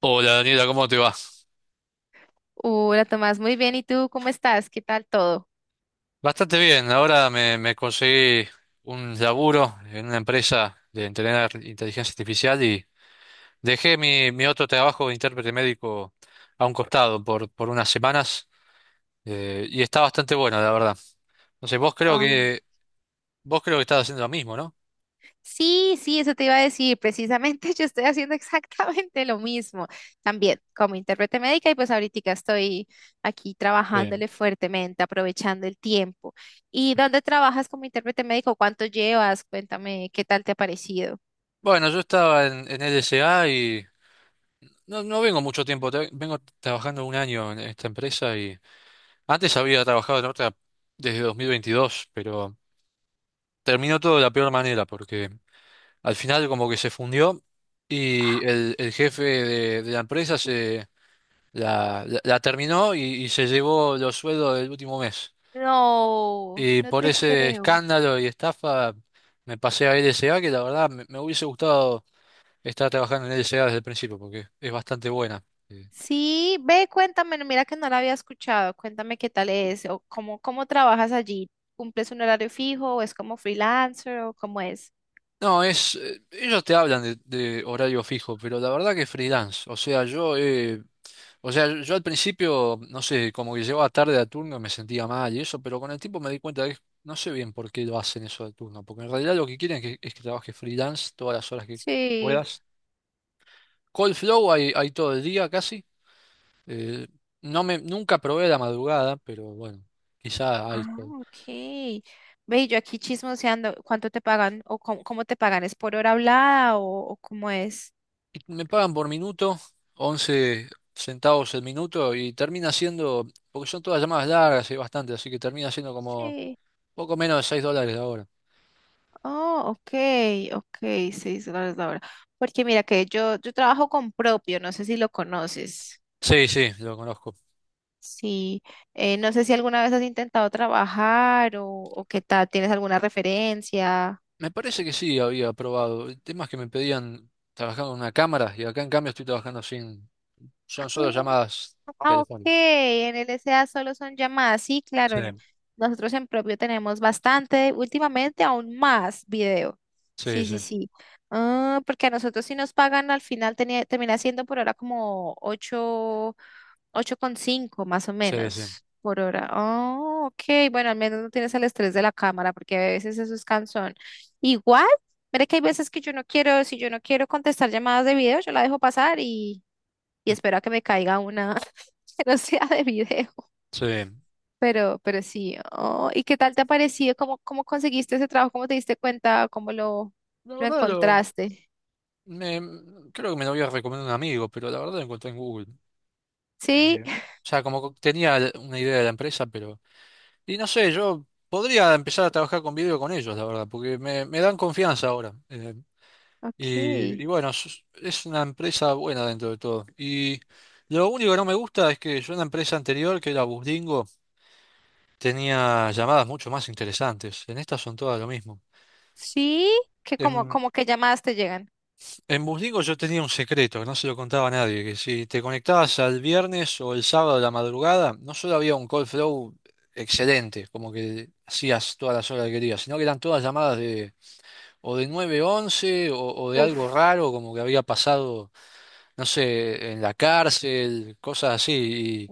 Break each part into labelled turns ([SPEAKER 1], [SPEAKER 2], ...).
[SPEAKER 1] Hola Daniela, ¿cómo te va?
[SPEAKER 2] Hola Tomás, muy bien. ¿Y tú cómo estás? ¿Qué tal todo?
[SPEAKER 1] Bastante bien, ahora me conseguí un laburo en una empresa de entrenar inteligencia artificial y dejé mi otro trabajo de intérprete médico a un costado por unas semanas, y está bastante bueno, la verdad. Entonces
[SPEAKER 2] Ah,
[SPEAKER 1] vos creo que estás haciendo lo mismo, ¿no?
[SPEAKER 2] sí, sí, eso te iba a decir. Precisamente yo estoy haciendo exactamente lo mismo. También como intérprete médica y pues ahorita estoy aquí
[SPEAKER 1] Sí.
[SPEAKER 2] trabajándole fuertemente, aprovechando el tiempo. ¿Y dónde trabajas como intérprete médico? ¿Cuánto llevas? Cuéntame, ¿qué tal te ha parecido?
[SPEAKER 1] Bueno, yo estaba en LSA y no vengo mucho tiempo, vengo trabajando un año en esta empresa y antes había trabajado en otra desde 2022, pero terminó todo de la peor manera, porque al final como que se fundió y el jefe de la empresa se la terminó y se llevó los sueldos del último mes.
[SPEAKER 2] No,
[SPEAKER 1] Y
[SPEAKER 2] no
[SPEAKER 1] por
[SPEAKER 2] te
[SPEAKER 1] ese
[SPEAKER 2] creo.
[SPEAKER 1] escándalo y estafa me pasé a LSA, que la verdad me hubiese gustado estar trabajando en LSA desde el principio, porque es bastante buena. Eh,
[SPEAKER 2] Sí, ve, cuéntame, no, mira que no la había escuchado, cuéntame qué tal es, o cómo trabajas allí, ¿cumples un horario fijo o es como freelancer o cómo es?
[SPEAKER 1] No, ellos te hablan de horario fijo, pero la verdad que freelance. O sea, yo he O sea, yo al principio, no sé, como que llegaba tarde a turno y me sentía mal y eso, pero con el tiempo me di cuenta de que no sé bien por qué lo hacen eso de turno, porque en realidad lo que quieren es que trabajes freelance todas las horas que
[SPEAKER 2] Sí,
[SPEAKER 1] puedas. Cold flow hay todo el día casi. Eh, nunca probé la madrugada, pero bueno, quizá hay
[SPEAKER 2] ah,
[SPEAKER 1] todo.
[SPEAKER 2] ok. Ve, yo aquí chismoseando, ¿cuánto te pagan o cómo te pagan? ¿Es por hora hablada o cómo es?
[SPEAKER 1] Y me pagan por minuto, 11 centavos el minuto, y termina siendo, porque son todas llamadas largas y bastante, así que termina siendo como
[SPEAKER 2] Sí.
[SPEAKER 1] poco menos de 6 dólares la hora.
[SPEAKER 2] Oh, ok, ok, seis dólares la hora. Porque mira que yo trabajo con propio, no sé si lo conoces.
[SPEAKER 1] Sí, sí, lo conozco.
[SPEAKER 2] Sí, no sé si alguna vez has intentado trabajar o qué tal, ¿tienes alguna referencia?
[SPEAKER 1] Me parece que sí había probado temas que me pedían trabajando con una cámara y acá en cambio estoy trabajando sin. Son solo llamadas
[SPEAKER 2] Ah, ok,
[SPEAKER 1] telefónicas.
[SPEAKER 2] en el S A solo son llamadas, sí, claro,
[SPEAKER 1] Sí,
[SPEAKER 2] nosotros en propio tenemos bastante, últimamente aún más video.
[SPEAKER 1] sí,
[SPEAKER 2] Sí,
[SPEAKER 1] sí,
[SPEAKER 2] sí, sí. Ah, porque a nosotros si nos pagan al final termina siendo por ahora como 8. Ocho coma cinco más o
[SPEAKER 1] sí, sí.
[SPEAKER 2] menos por hora. Oh, ok. Bueno, al menos no tienes el estrés de la cámara, porque a veces eso es cansón. Igual, mira que hay veces que yo no quiero, si yo no quiero contestar llamadas de video, yo la dejo pasar y espero a que me caiga una que no sea de video.
[SPEAKER 1] Sí.
[SPEAKER 2] Pero sí. Oh, ¿y qué tal te ha parecido? ¿Cómo, cómo conseguiste ese trabajo? ¿Cómo te diste cuenta? ¿Cómo
[SPEAKER 1] La
[SPEAKER 2] lo
[SPEAKER 1] verdad lo.
[SPEAKER 2] encontraste?
[SPEAKER 1] Creo que me lo había recomendado un amigo, pero la verdad lo encontré en Google.
[SPEAKER 2] Sí,
[SPEAKER 1] O sea, como que tenía una idea de la empresa, pero. Y no sé, yo podría empezar a trabajar con video con ellos, la verdad, porque me dan confianza ahora.
[SPEAKER 2] ok.
[SPEAKER 1] Y bueno, es una empresa buena dentro de todo. Y lo único que no me gusta es que yo en la empresa anterior, que era Busdingo, tenía llamadas mucho más interesantes. En estas son todas lo mismo.
[SPEAKER 2] Sí, que
[SPEAKER 1] En,
[SPEAKER 2] como que llamadas te llegan.
[SPEAKER 1] en Busdingo yo tenía un secreto que no se lo contaba a nadie, que si te conectabas al viernes o el sábado de la madrugada, no solo había un call flow excelente, como que hacías todas las horas que querías, sino que eran todas llamadas de o de 911 o de algo
[SPEAKER 2] Uf.
[SPEAKER 1] raro, como que había pasado. No sé, en la cárcel, cosas así.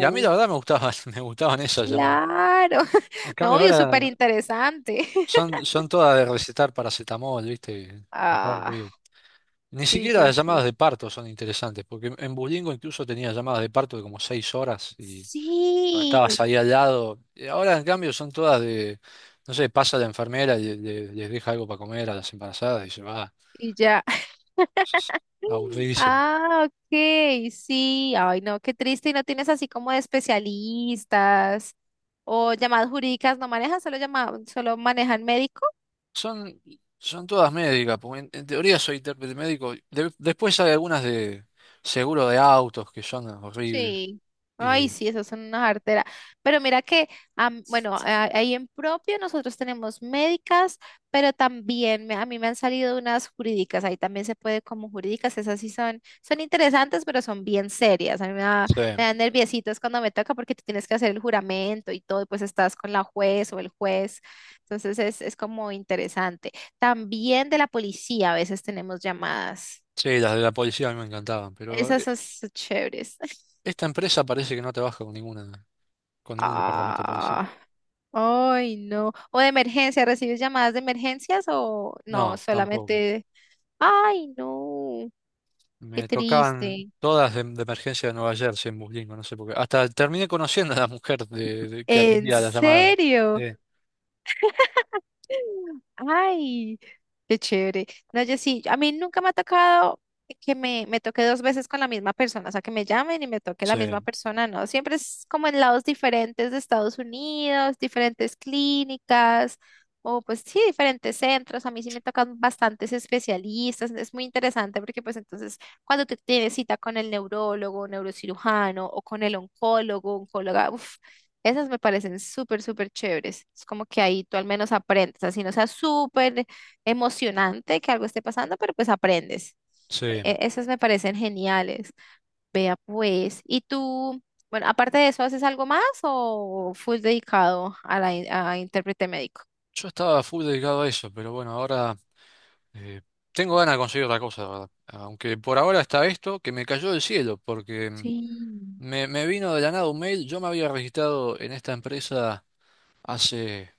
[SPEAKER 1] Y a mí la verdad me gustaban, me gustaban esas llamadas.
[SPEAKER 2] claro.
[SPEAKER 1] En cambio
[SPEAKER 2] Novio, súper
[SPEAKER 1] ahora
[SPEAKER 2] interesante.
[SPEAKER 1] son todas de recetar paracetamol, ¿viste? Y va al río.
[SPEAKER 2] Ah,
[SPEAKER 1] Ni
[SPEAKER 2] sí,
[SPEAKER 1] siquiera
[SPEAKER 2] sí,
[SPEAKER 1] las llamadas
[SPEAKER 2] sí.
[SPEAKER 1] de parto son interesantes, porque en Bulingo incluso tenía llamadas de parto de como seis horas y
[SPEAKER 2] Sí,
[SPEAKER 1] estabas ahí al lado. Y ahora en cambio son todas de, no sé, pasa la enfermera y les deja algo para comer a las embarazadas y se va.
[SPEAKER 2] y ya.
[SPEAKER 1] Es Aburridísimo.
[SPEAKER 2] Ah, ok, sí. Ay, no, qué triste. Y no tienes así como de especialistas o llamadas jurídicas. ¿No manejas? ¿Solo solo manejan médicos?
[SPEAKER 1] Son, son todas médicas, porque en teoría soy intérprete médico. Después hay algunas de seguro de autos que son horribles.
[SPEAKER 2] Sí. Ay,
[SPEAKER 1] Y,
[SPEAKER 2] sí, esas son unas arteras. Pero mira que, bueno, ahí en propio nosotros tenemos médicas, pero también a mí me han salido unas jurídicas. Ahí también se puede como jurídicas. Esas sí son, son interesantes, pero son bien serias. A mí me da,
[SPEAKER 1] sí,
[SPEAKER 2] me dan nerviositos cuando me toca porque tú tienes que hacer el juramento y todo, y pues estás con la juez o el juez. Entonces es como interesante. También de la policía a veces tenemos llamadas.
[SPEAKER 1] sí, las de la policía a mí me encantaban, pero
[SPEAKER 2] Esas son chéveres.
[SPEAKER 1] esta empresa parece que no trabaja con con ningún departamento de policía.
[SPEAKER 2] Ah. Ay, no. O de emergencia, ¿recibes llamadas de emergencias o no?
[SPEAKER 1] No, tampoco.
[SPEAKER 2] Solamente, ay, no, qué
[SPEAKER 1] Me tocaban
[SPEAKER 2] triste.
[SPEAKER 1] todas de emergencia de Nueva Jersey en Buslingo, no sé por qué. Hasta terminé conociendo a la mujer que
[SPEAKER 2] ¿En
[SPEAKER 1] atendía la llamada. Sí,
[SPEAKER 2] serio? Ay, qué chévere. No, yo sí, a mí nunca me ha tocado que me toque dos veces con la misma persona, o sea, que me llamen y me toque la misma
[SPEAKER 1] sí,
[SPEAKER 2] persona, no. Siempre es como en lados diferentes de Estados Unidos, diferentes clínicas, o pues sí, diferentes centros. A mí sí me tocan bastantes especialistas, es muy interesante porque pues entonces cuando te tienes cita con el neurólogo, neurocirujano o con el oncólogo, oncóloga, esas me parecen súper, súper chéveres. Es como que ahí tú al menos aprendes, así no sea súper emocionante que algo esté pasando, pero pues aprendes.
[SPEAKER 1] sí.
[SPEAKER 2] Esas me parecen geniales. Vea pues, ¿y tú, bueno, aparte de eso, haces algo más o full dedicado a la a intérprete médico?
[SPEAKER 1] Yo estaba full dedicado a eso, pero bueno, ahora. Eh, tengo ganas de conseguir otra cosa, la verdad. Aunque por ahora está esto que me cayó del cielo, porque
[SPEAKER 2] Sí.
[SPEAKER 1] me vino de la nada un mail. Yo me había registrado en esta empresa hace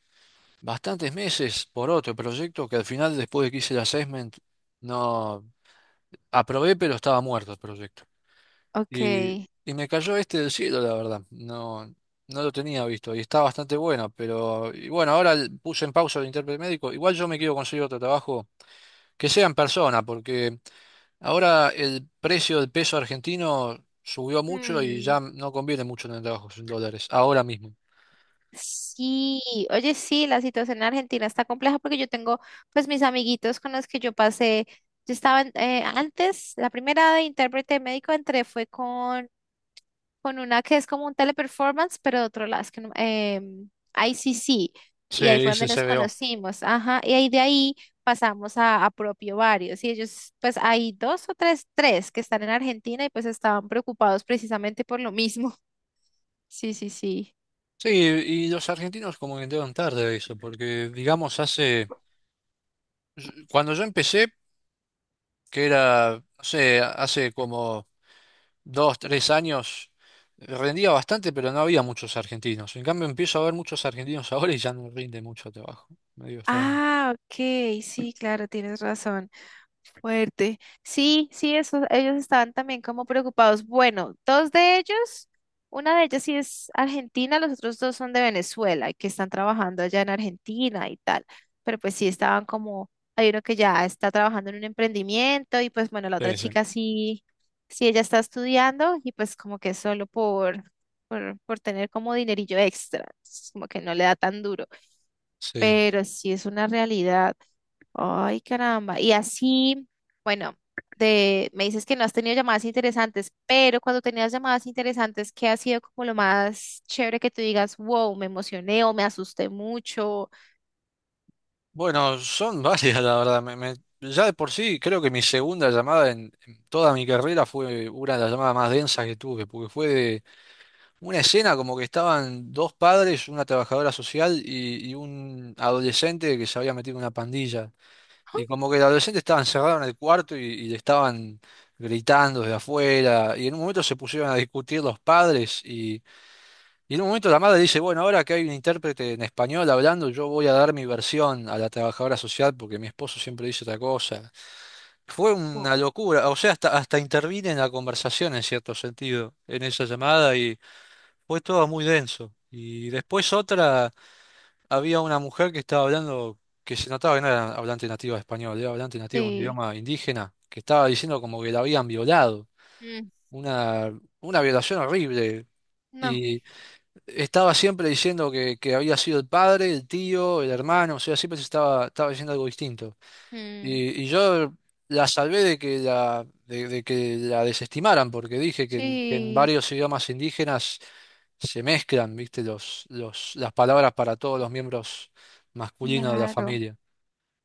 [SPEAKER 1] bastantes meses por otro proyecto que al final, después de que hice el assessment, no aprobé, pero estaba muerto el proyecto. Y,
[SPEAKER 2] Ok.
[SPEAKER 1] y me cayó este del cielo, la verdad. No, no lo tenía visto y está bastante bueno, pero y bueno, ahora puse en pausa el intérprete médico. Igual yo me quiero conseguir otro trabajo que sea en persona, porque. Ahora el precio del peso argentino subió mucho y
[SPEAKER 2] Mm.
[SPEAKER 1] ya no conviene mucho tener trabajos en dólares, ahora mismo.
[SPEAKER 2] Sí, oye, sí, la situación en Argentina está compleja porque yo tengo pues mis amiguitos con los que yo pasé, yo estaba antes, la primera de intérprete médico entré fue con una que es como un teleperformance, pero de otro lado, es que em, ICC,
[SPEAKER 1] Se
[SPEAKER 2] y ahí fue donde
[SPEAKER 1] dice
[SPEAKER 2] nos
[SPEAKER 1] CBO.
[SPEAKER 2] conocimos, ajá, y ahí de ahí pasamos a propio varios, y ellos pues hay dos o tres, tres que están en Argentina y pues estaban preocupados precisamente por lo mismo. Sí, sí, sí.
[SPEAKER 1] Sí, y los argentinos como que entraron tarde a eso, porque digamos hace, cuando yo empecé, que era, no sé, hace como dos, tres años, rendía bastante, pero no había muchos argentinos. En cambio empiezo a ver muchos argentinos ahora y ya no rinde mucho trabajo. Medio extraño.
[SPEAKER 2] Ah, ok, sí, claro, tienes razón. Fuerte. Sí, sí, eso, ellos estaban también como preocupados. Bueno, dos de ellos, una de ellas sí es argentina, los otros dos son de Venezuela y que están trabajando allá en Argentina y tal. Pero pues sí estaban como, hay uno que ya está trabajando en un emprendimiento y pues bueno, la otra
[SPEAKER 1] Sí, sí.
[SPEAKER 2] chica sí, sí, ella está estudiando y pues como que solo por tener como dinerillo extra, entonces, como que no le da tan duro
[SPEAKER 1] Sí.
[SPEAKER 2] pero sí es una realidad. Ay, caramba. Y así, bueno, de, me dices que no has tenido llamadas interesantes, pero cuando tenías llamadas interesantes, ¿qué ha sido como lo más chévere que tú digas, wow, me emocioné o me asusté mucho?
[SPEAKER 1] Bueno, son varias, la verdad. Ya de por sí, creo que mi segunda llamada en toda mi carrera fue una de las llamadas más densas que tuve, porque fue de una escena como que estaban dos padres, una trabajadora social y un adolescente que se había metido en una pandilla. Y como que el adolescente estaba encerrado en el cuarto y le estaban gritando desde afuera. Y en un momento se pusieron a discutir los padres y en un momento la madre dice, bueno, ahora que hay un intérprete en español hablando, yo voy a dar mi versión a la trabajadora social porque mi esposo siempre dice otra cosa. Fue
[SPEAKER 2] Wow.
[SPEAKER 1] una locura, o sea, hasta, hasta intervine en la conversación en cierto sentido, en esa llamada y fue todo muy denso. Y después otra, había una mujer que estaba hablando, que se notaba que no era hablante nativa de español, era hablante nativa de un
[SPEAKER 2] Sí.
[SPEAKER 1] idioma indígena, que estaba diciendo como que la habían violado,
[SPEAKER 2] Mm,
[SPEAKER 1] una, una violación horrible.
[SPEAKER 2] no.
[SPEAKER 1] Y estaba siempre diciendo que había sido el padre, el tío, el hermano, o sea, siempre se estaba, estaba diciendo algo distinto.
[SPEAKER 2] Mm,
[SPEAKER 1] Y yo la salvé de que de que la desestimaran, porque dije que en
[SPEAKER 2] sí,
[SPEAKER 1] varios idiomas indígenas se mezclan, viste, las palabras para todos los miembros masculinos de la
[SPEAKER 2] claro.
[SPEAKER 1] familia.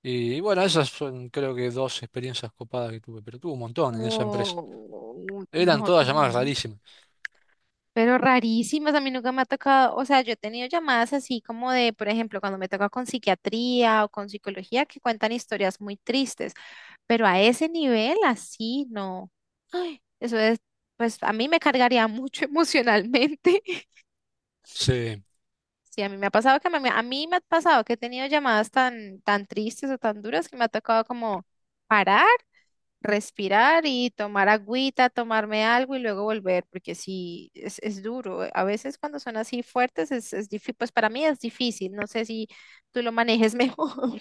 [SPEAKER 1] Y bueno, esas son creo que dos experiencias copadas que tuve, pero tuve un montón en esa empresa.
[SPEAKER 2] Wow,
[SPEAKER 1] Eran
[SPEAKER 2] no,
[SPEAKER 1] todas llamadas
[SPEAKER 2] Tomás.
[SPEAKER 1] rarísimas.
[SPEAKER 2] Pero rarísimas, a mí nunca me ha tocado, o sea, yo he tenido llamadas así como de, por ejemplo, cuando me toca con psiquiatría o con psicología que cuentan historias muy tristes, pero a ese nivel así no. Ay, eso es, pues a mí me cargaría mucho emocionalmente.
[SPEAKER 1] Sí.
[SPEAKER 2] Sí, a mí me ha pasado que a mí me ha pasado que he tenido llamadas tan tristes o tan duras que me ha tocado como parar respirar y tomar agüita, tomarme algo y luego volver, porque sí, es duro. A veces cuando son así fuertes es difícil, pues para mí es difícil, no sé si tú lo manejes mejor.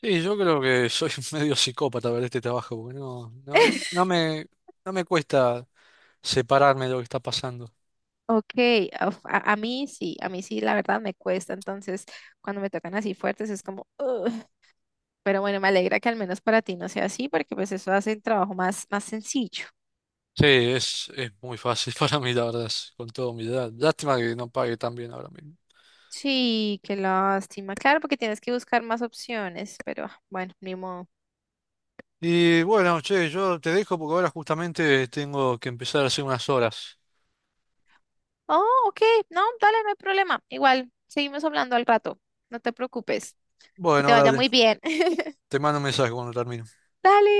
[SPEAKER 1] Sí, yo creo que soy medio psicópata para este trabajo, porque no no me cuesta separarme de lo que está pasando.
[SPEAKER 2] Ok, uf, a mí sí, la verdad me cuesta, entonces cuando me tocan así fuertes es como, "Ugh". Pero bueno, me alegra que al menos para ti no sea así, porque pues eso hace el trabajo más sencillo.
[SPEAKER 1] Sí, es muy fácil para mí, la verdad, es con toda humildad. Lástima que no pague tan bien ahora mismo.
[SPEAKER 2] Sí, qué lástima. Claro, porque tienes que buscar más opciones, pero ah, bueno, ni modo.
[SPEAKER 1] Y bueno, che, yo te dejo porque ahora justamente tengo que empezar a hacer unas horas.
[SPEAKER 2] Oh, ok. No, dale, no hay problema. Igual, seguimos hablando al rato. No te preocupes. Que te
[SPEAKER 1] Bueno,
[SPEAKER 2] vaya
[SPEAKER 1] dale,
[SPEAKER 2] muy bien.
[SPEAKER 1] te mando un mensaje cuando termine.
[SPEAKER 2] Dale.